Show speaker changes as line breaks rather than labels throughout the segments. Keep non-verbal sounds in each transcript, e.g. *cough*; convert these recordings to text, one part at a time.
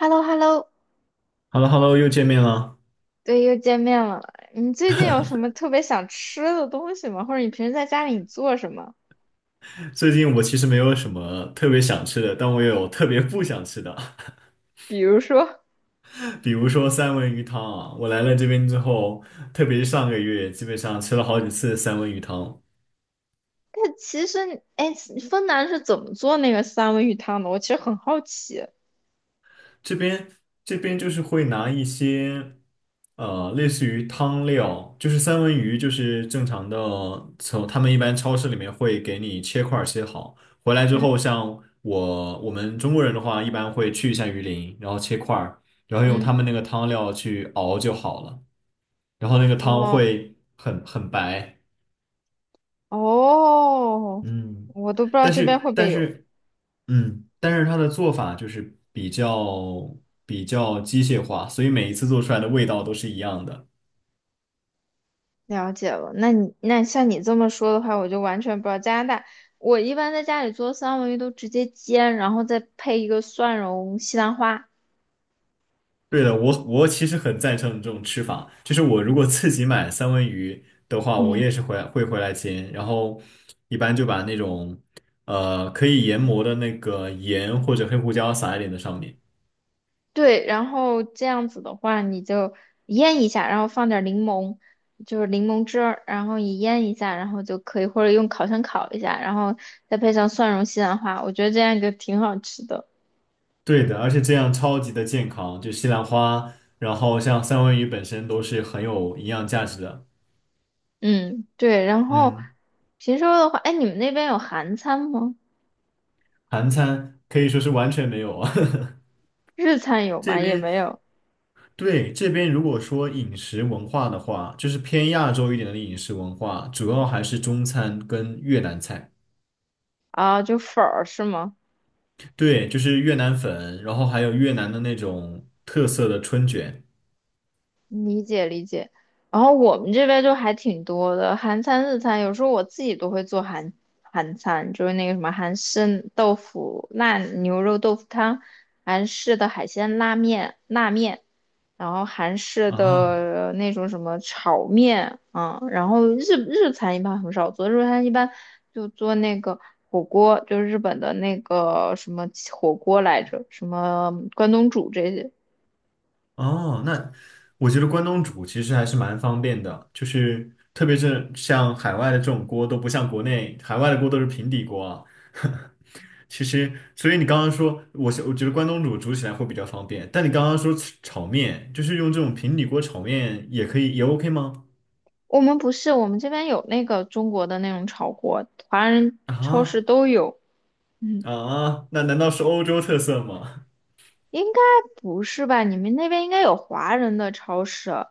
hello hello
h e l l o h e l l o 又见面了。
对，又见面了。你最近有什么特别想吃的东西吗？或者你平时在家里你做什么？
最近我其实没有什么特别想吃的，但我也有特别不想吃的，
比如说
*laughs* 比如说三文鱼汤啊。我来了这边之后，特别是上个月，基本上吃了好几次三文鱼汤。
*laughs*，但其实你，哎，芬兰是怎么做那个三文鱼汤的？我其实很好奇。
这边这边就是会拿一些类似于汤料，就是三文鱼，就是正常的，从他们一般超市里面会给你切块儿切好，回来之
嗯
后，我们中国人的话，一般会去一下鱼鳞，然后切块儿，然后用他
嗯，
们那个汤料去熬就好了，然后那个汤
哦
会很白，
哦，
嗯，
我都不知道
但
这边
是
会不会
但
有。
是嗯，但是它的做法就是比较机械化，所以每一次做出来的味道都是一样的。
了解了，那你那像你这么说的话，我就完全不知道加拿大。我一般在家里做三文鱼都直接煎，然后再配一个蒜蓉西兰花。
对的，我其实很赞成这种吃法，就是我如果自己买三文鱼的话，我
嗯。
也是回来煎，然后一般就把那种可以研磨的那个盐或者黑胡椒撒一点在上面。
对，然后这样子的话，你就腌一下，然后放点儿柠檬，就是柠檬汁儿，然后你腌一下，然后就可以，或者用烤箱烤一下，然后再配上蒜蓉西兰花，我觉得这样就挺好吃的。
对的，而且这样超级的健康，就西兰花，然后像三文鱼本身都是很有营养价值的。
嗯，对，然后
嗯。
平时的话，哎，你们那边有韩餐吗？
韩餐可以说是完全没有啊。
日餐
*laughs*
有
这
吗？也
边
没有
对这边如果说饮食文化的话，就是偏亚洲一点的饮食文化，主要还是中餐跟越南菜。
啊，就粉儿是吗？
对，就是越南粉，然后还有越南的那种特色的春卷
理解理解。然后我们这边就还挺多的，韩餐、日餐，有时候我自己都会做韩餐，就是那个什么韩式豆腐、辣牛肉豆腐汤，韩式的海鲜拉面、辣面，然后韩式
啊。
的那种什么炒面啊，然后日餐一般很少做，日餐一般就做那个火锅，就是日本的那个什么火锅来着，什么关东煮这些。
哦，那我觉得关东煮其实还是蛮方便的，就是特别是像海外的这种锅都不像国内，海外的锅都是平底锅啊。*laughs* 其实，所以你刚刚说，我觉得关东煮煮起来会比较方便，但你刚刚说吃炒面，就是用这种平底锅炒面也可以，也 OK 吗？
我们不是，我们这边有那个中国的那种炒锅，华人超市
啊
都有。嗯，
啊，那难道是欧洲特色吗？
应该不是吧？你们那边应该有华人的超市，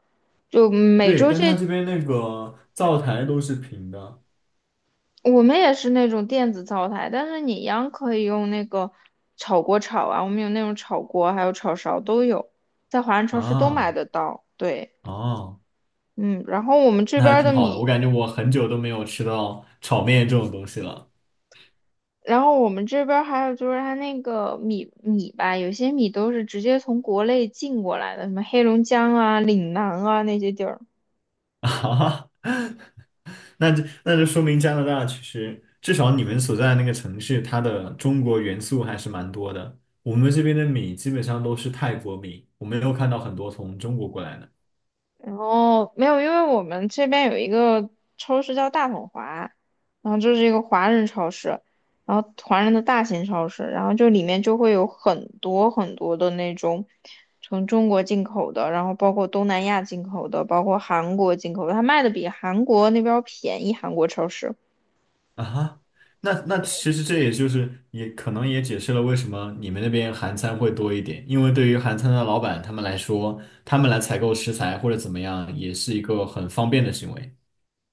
就
*laughs*
每
对，
周
但它
这
这边那个灶台都是平的
我们也是那种电子灶台，但是你一样可以用那个炒锅炒啊。我们有那种炒锅，还有炒勺都有，在华人超市都买
啊
得到。对，
哦。
嗯，然后我们这
那
边
还
儿
挺
的
好的，我
米。
感觉我很久都没有吃到炒面这种东西了。
然后我们这边儿还有就是它那个米吧，有些米都是直接从国内进过来的，什么黑龙江啊、岭南啊那些地儿。
*laughs* 啊那就说明加拿大其实至少你们所在的那个城市，它的中国元素还是蛮多的。我们这边的米基本上都是泰国米，我没有看到很多从中国过来的。
然后没有，因为我们这边有一个超市叫大统华，然后就是一个华人超市，然后华人的大型超市，然后就里面就会有很多很多的那种从中国进口的，然后包括东南亚进口的，包括韩国进口的，它卖的比韩国那边儿便宜，韩国超市。
啊哈，那其实这也就是也可能也解释了为什么你们那边韩餐会多一点，因为对于韩餐的老板他们来说，他们来采购食材或者怎么样，也是一个很方便的行为。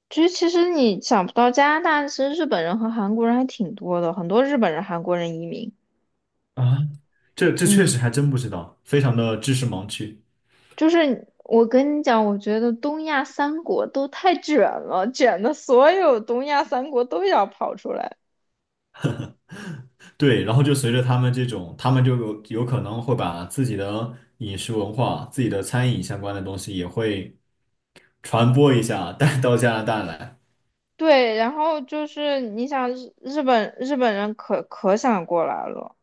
其实，其实你想不到，加拿大其实日本人和韩国人还挺多的，很多日本人、韩国人移民。
啊，这这确
嗯，
实还真不知道，非常的知识盲区。
就是我跟你讲，我觉得东亚三国都太卷了，卷的所有东亚三国都要跑出来。
对，然后就随着他们这种，他们就有可能会把自己的饮食文化、自己的餐饮相关的东西也会传播一下，带到加拿大来。
对，然后就是你想日本人可想过来了。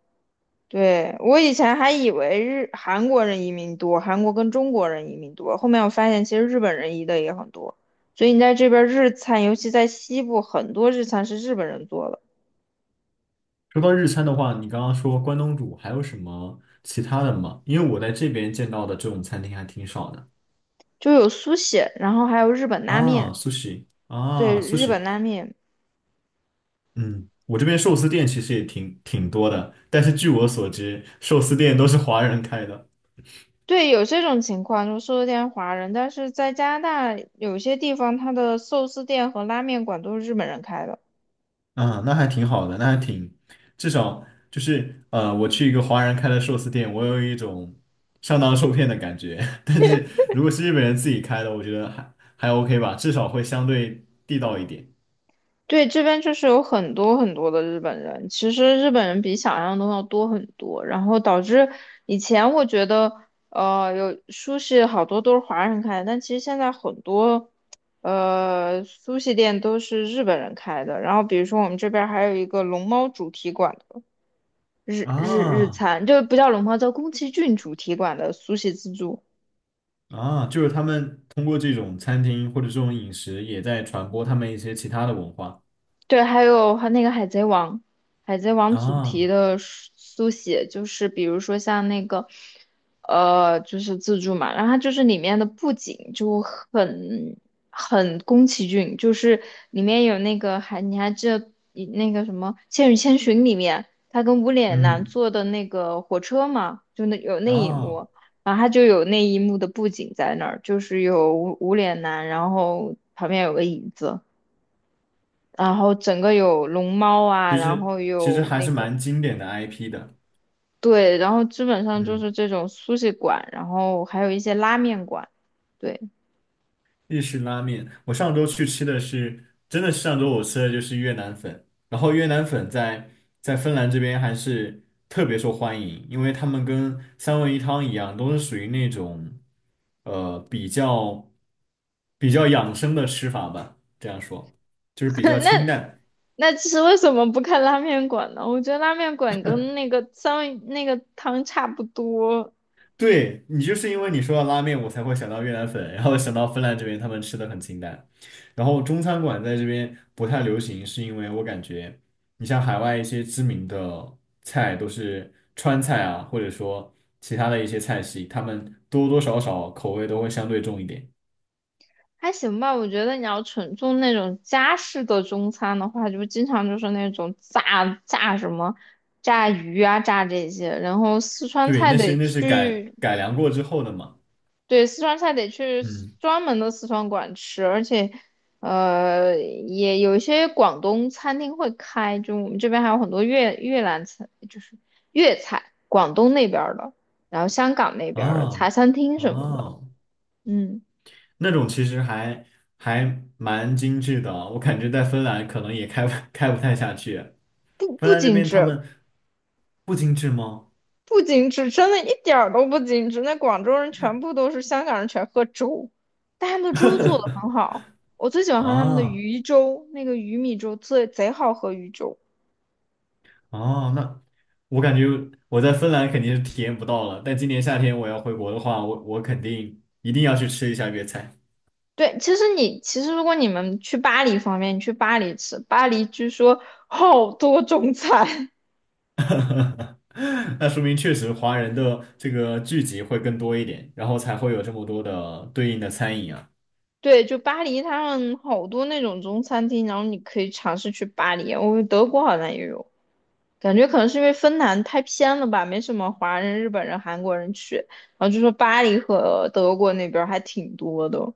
对，我以前还以为日韩国人移民多，韩国跟中国人移民多，后面我发现其实日本人移的也很多，所以你在这边儿日餐，尤其在西部，很多日餐是日本人做的，
说到日餐的话，你刚刚说关东煮，还有什么其他的吗？因为我在这边见到的这种餐厅还挺少的
就有苏写，然后还有日本拉
啊
面，
s u 啊
对，
s u
日本拉面，
嗯，我这边寿司店其实也挺多的，但是据我所知，寿司店都是华人开的。
对，有这种情况，就寿司店华人，但是在加拿大有些地方，它的寿司店和拉面馆都是日本人开的。
啊，那还挺好的，那还挺，至少就是我去一个华人开的寿司店，我有一种上当受骗的感觉。*laughs* 但是如果是日本人自己开的，我觉得还 OK 吧，至少会相对地道一点。
对，这边就是有很多很多的日本人，其实日本人比想象中要多很多，然后导致以前我觉得，有苏式好多都是华人开的，但其实现在很多，苏式店都是日本人开的。然后比如说我们这边还有一个龙猫主题馆的日日日
啊
餐，就不叫龙猫，叫宫崎骏主题馆的苏式自助。
啊，就是他们通过这种餐厅或者这种饮食，也在传播他们一些其他的文化。
对，还有和那个《海贼王》，《海贼王》主题
啊，
的书写，就是比如说像那个，就是自助嘛，然后它就是里面的布景就很宫崎骏，就是里面有那个还你还记得以那个什么《千与千寻》里面他跟无脸男
嗯，
坐的那个火车嘛，就那有那一
啊，
幕，然后他就有那一幕的布景在那儿，就是有无脸男，然后旁边有个椅子。然后整个有龙猫啊，
其
然
实
后
其实
有
还
那
是
个，
蛮经典的 IP 的。
对，然后基本上就
嗯。
是这种苏式馆，然后还有一些拉面馆，对。
日式拉面，我上周去吃的是，真的是上周我吃的就是越南粉，然后越南粉在芬兰这边还是特别受欢迎，因为他们跟三文鱼汤一样，都是属于那种呃比较比较养生的吃法吧，这样说，就是比较清淡。
那其实为什么不看拉面馆呢？我觉得拉面馆跟那个三文那个汤差不多，
对你就是因为你说到拉面，我才会想到越南粉，然后想到芬兰这边他们吃的很清淡，然后中餐馆在这边不太流行，是因为我感觉你像海外一些知名的菜都是川菜啊，或者说其他的一些菜系，他们多多少少口味都会相对重一点。
还行吧。我觉得你要纯做那种家式的中餐的话，就经常就是那种炸什么。炸鱼啊，炸这些，然后四川
对，
菜
那
得
是那是改
去
改良过之后的嘛。
对，四川菜得去
嗯，
专门的四川馆吃，而且，也有一些广东餐厅会开，就我们这边还有很多越南菜，就是粤菜，广东那边儿的，然后香港那边儿的茶
啊
餐厅什么的，
啊，
嗯，
那种其实还蛮精致的啊，我感觉在芬兰可能也开不开不太下去。
不
芬
不
兰这
精
边他
致，
们不精致吗？
不精致，真的一点儿都不精致。那广州人全部都是香港人，全喝粥，但他们的粥做的
*laughs*
很好，我最喜欢喝他们的
啊，
鱼粥，那个鱼米粥最贼好喝，鱼粥。
哦，那我感觉我在芬兰肯定是体验不到了，但今年夏天我要回国的话，我肯定一定要去吃一下粤菜。
对，其实你其实如果你们去巴黎方面，你去巴黎吃，巴黎据说 *laughs* 好多中餐。
*laughs* 那说明确实华人的这个聚集会更多一点，然后才会有这么多的对应的餐饮啊。
*laughs* 对，就巴黎他们好多那种中餐厅，然后你可以尝试去巴黎。我们德国好像也有，感觉可能是因为芬兰太偏了吧，没什么华人、日本人、韩国人去。然后就说巴黎和德国那边儿还挺多的，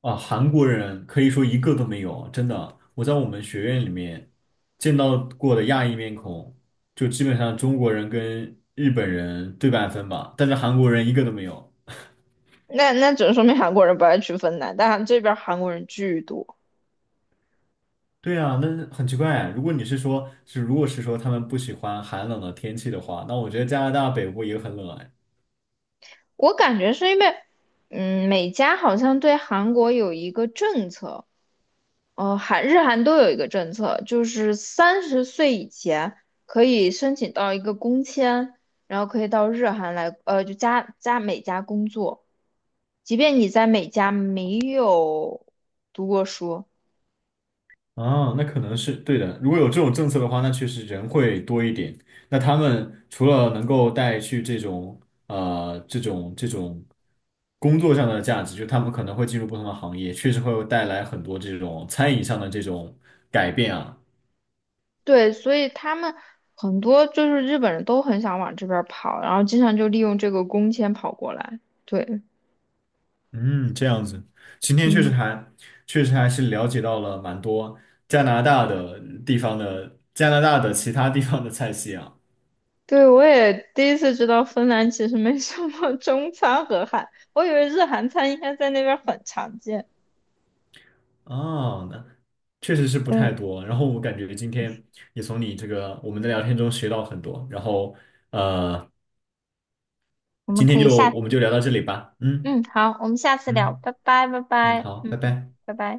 啊，韩国人可以说一个都没有，真的。我在我们学院里面见到过的亚裔面孔，就基本上中国人跟日本人对半分吧，但是韩国人一个都没有。
那那只能说明韩国人不爱去芬兰，但这边儿韩国人巨多。
对啊，那很奇怪啊。如果你是说，如果是说他们不喜欢寒冷的天气的话，那我觉得加拿大北部也很冷啊
我感觉是因为，嗯，美加好像对韩国有一个政策。韩日韩都有一个政策，就是30岁以前可以申请到一个工签，然后可以到日韩来，就加加美加工作，即便你在美加没有读过书，
啊，那可能是对的。如果有这种政策的话，那确实人会多一点。那他们除了能够带去这种这种工作上的价值，就他们可能会进入不同的行业，确实会带来很多这种餐饮上的这种改变啊。
对，所以他们很多就是日本人都很想往这边儿跑，然后经常就利用这个工签跑过来，对，
嗯，这样子，今天确实
嗯。
还确实还是了解到了蛮多加拿大的地方的加拿大的其他地方的菜系啊。
对，我也第一次知道芬兰其实没什么 *laughs* 中餐和韩，我以为日韩餐应该在那边儿很常见。
哦，那确实是不太
嗯，
多。然后我感觉今天也从你这个我们的聊天中学到很多。然后呃，
我们
今
可
天
以
就
下，
我们就聊到这里吧。嗯
嗯，好，我们下次聊，
嗯
拜拜，拜
嗯，
拜，
好，
嗯，
拜拜。
拜拜。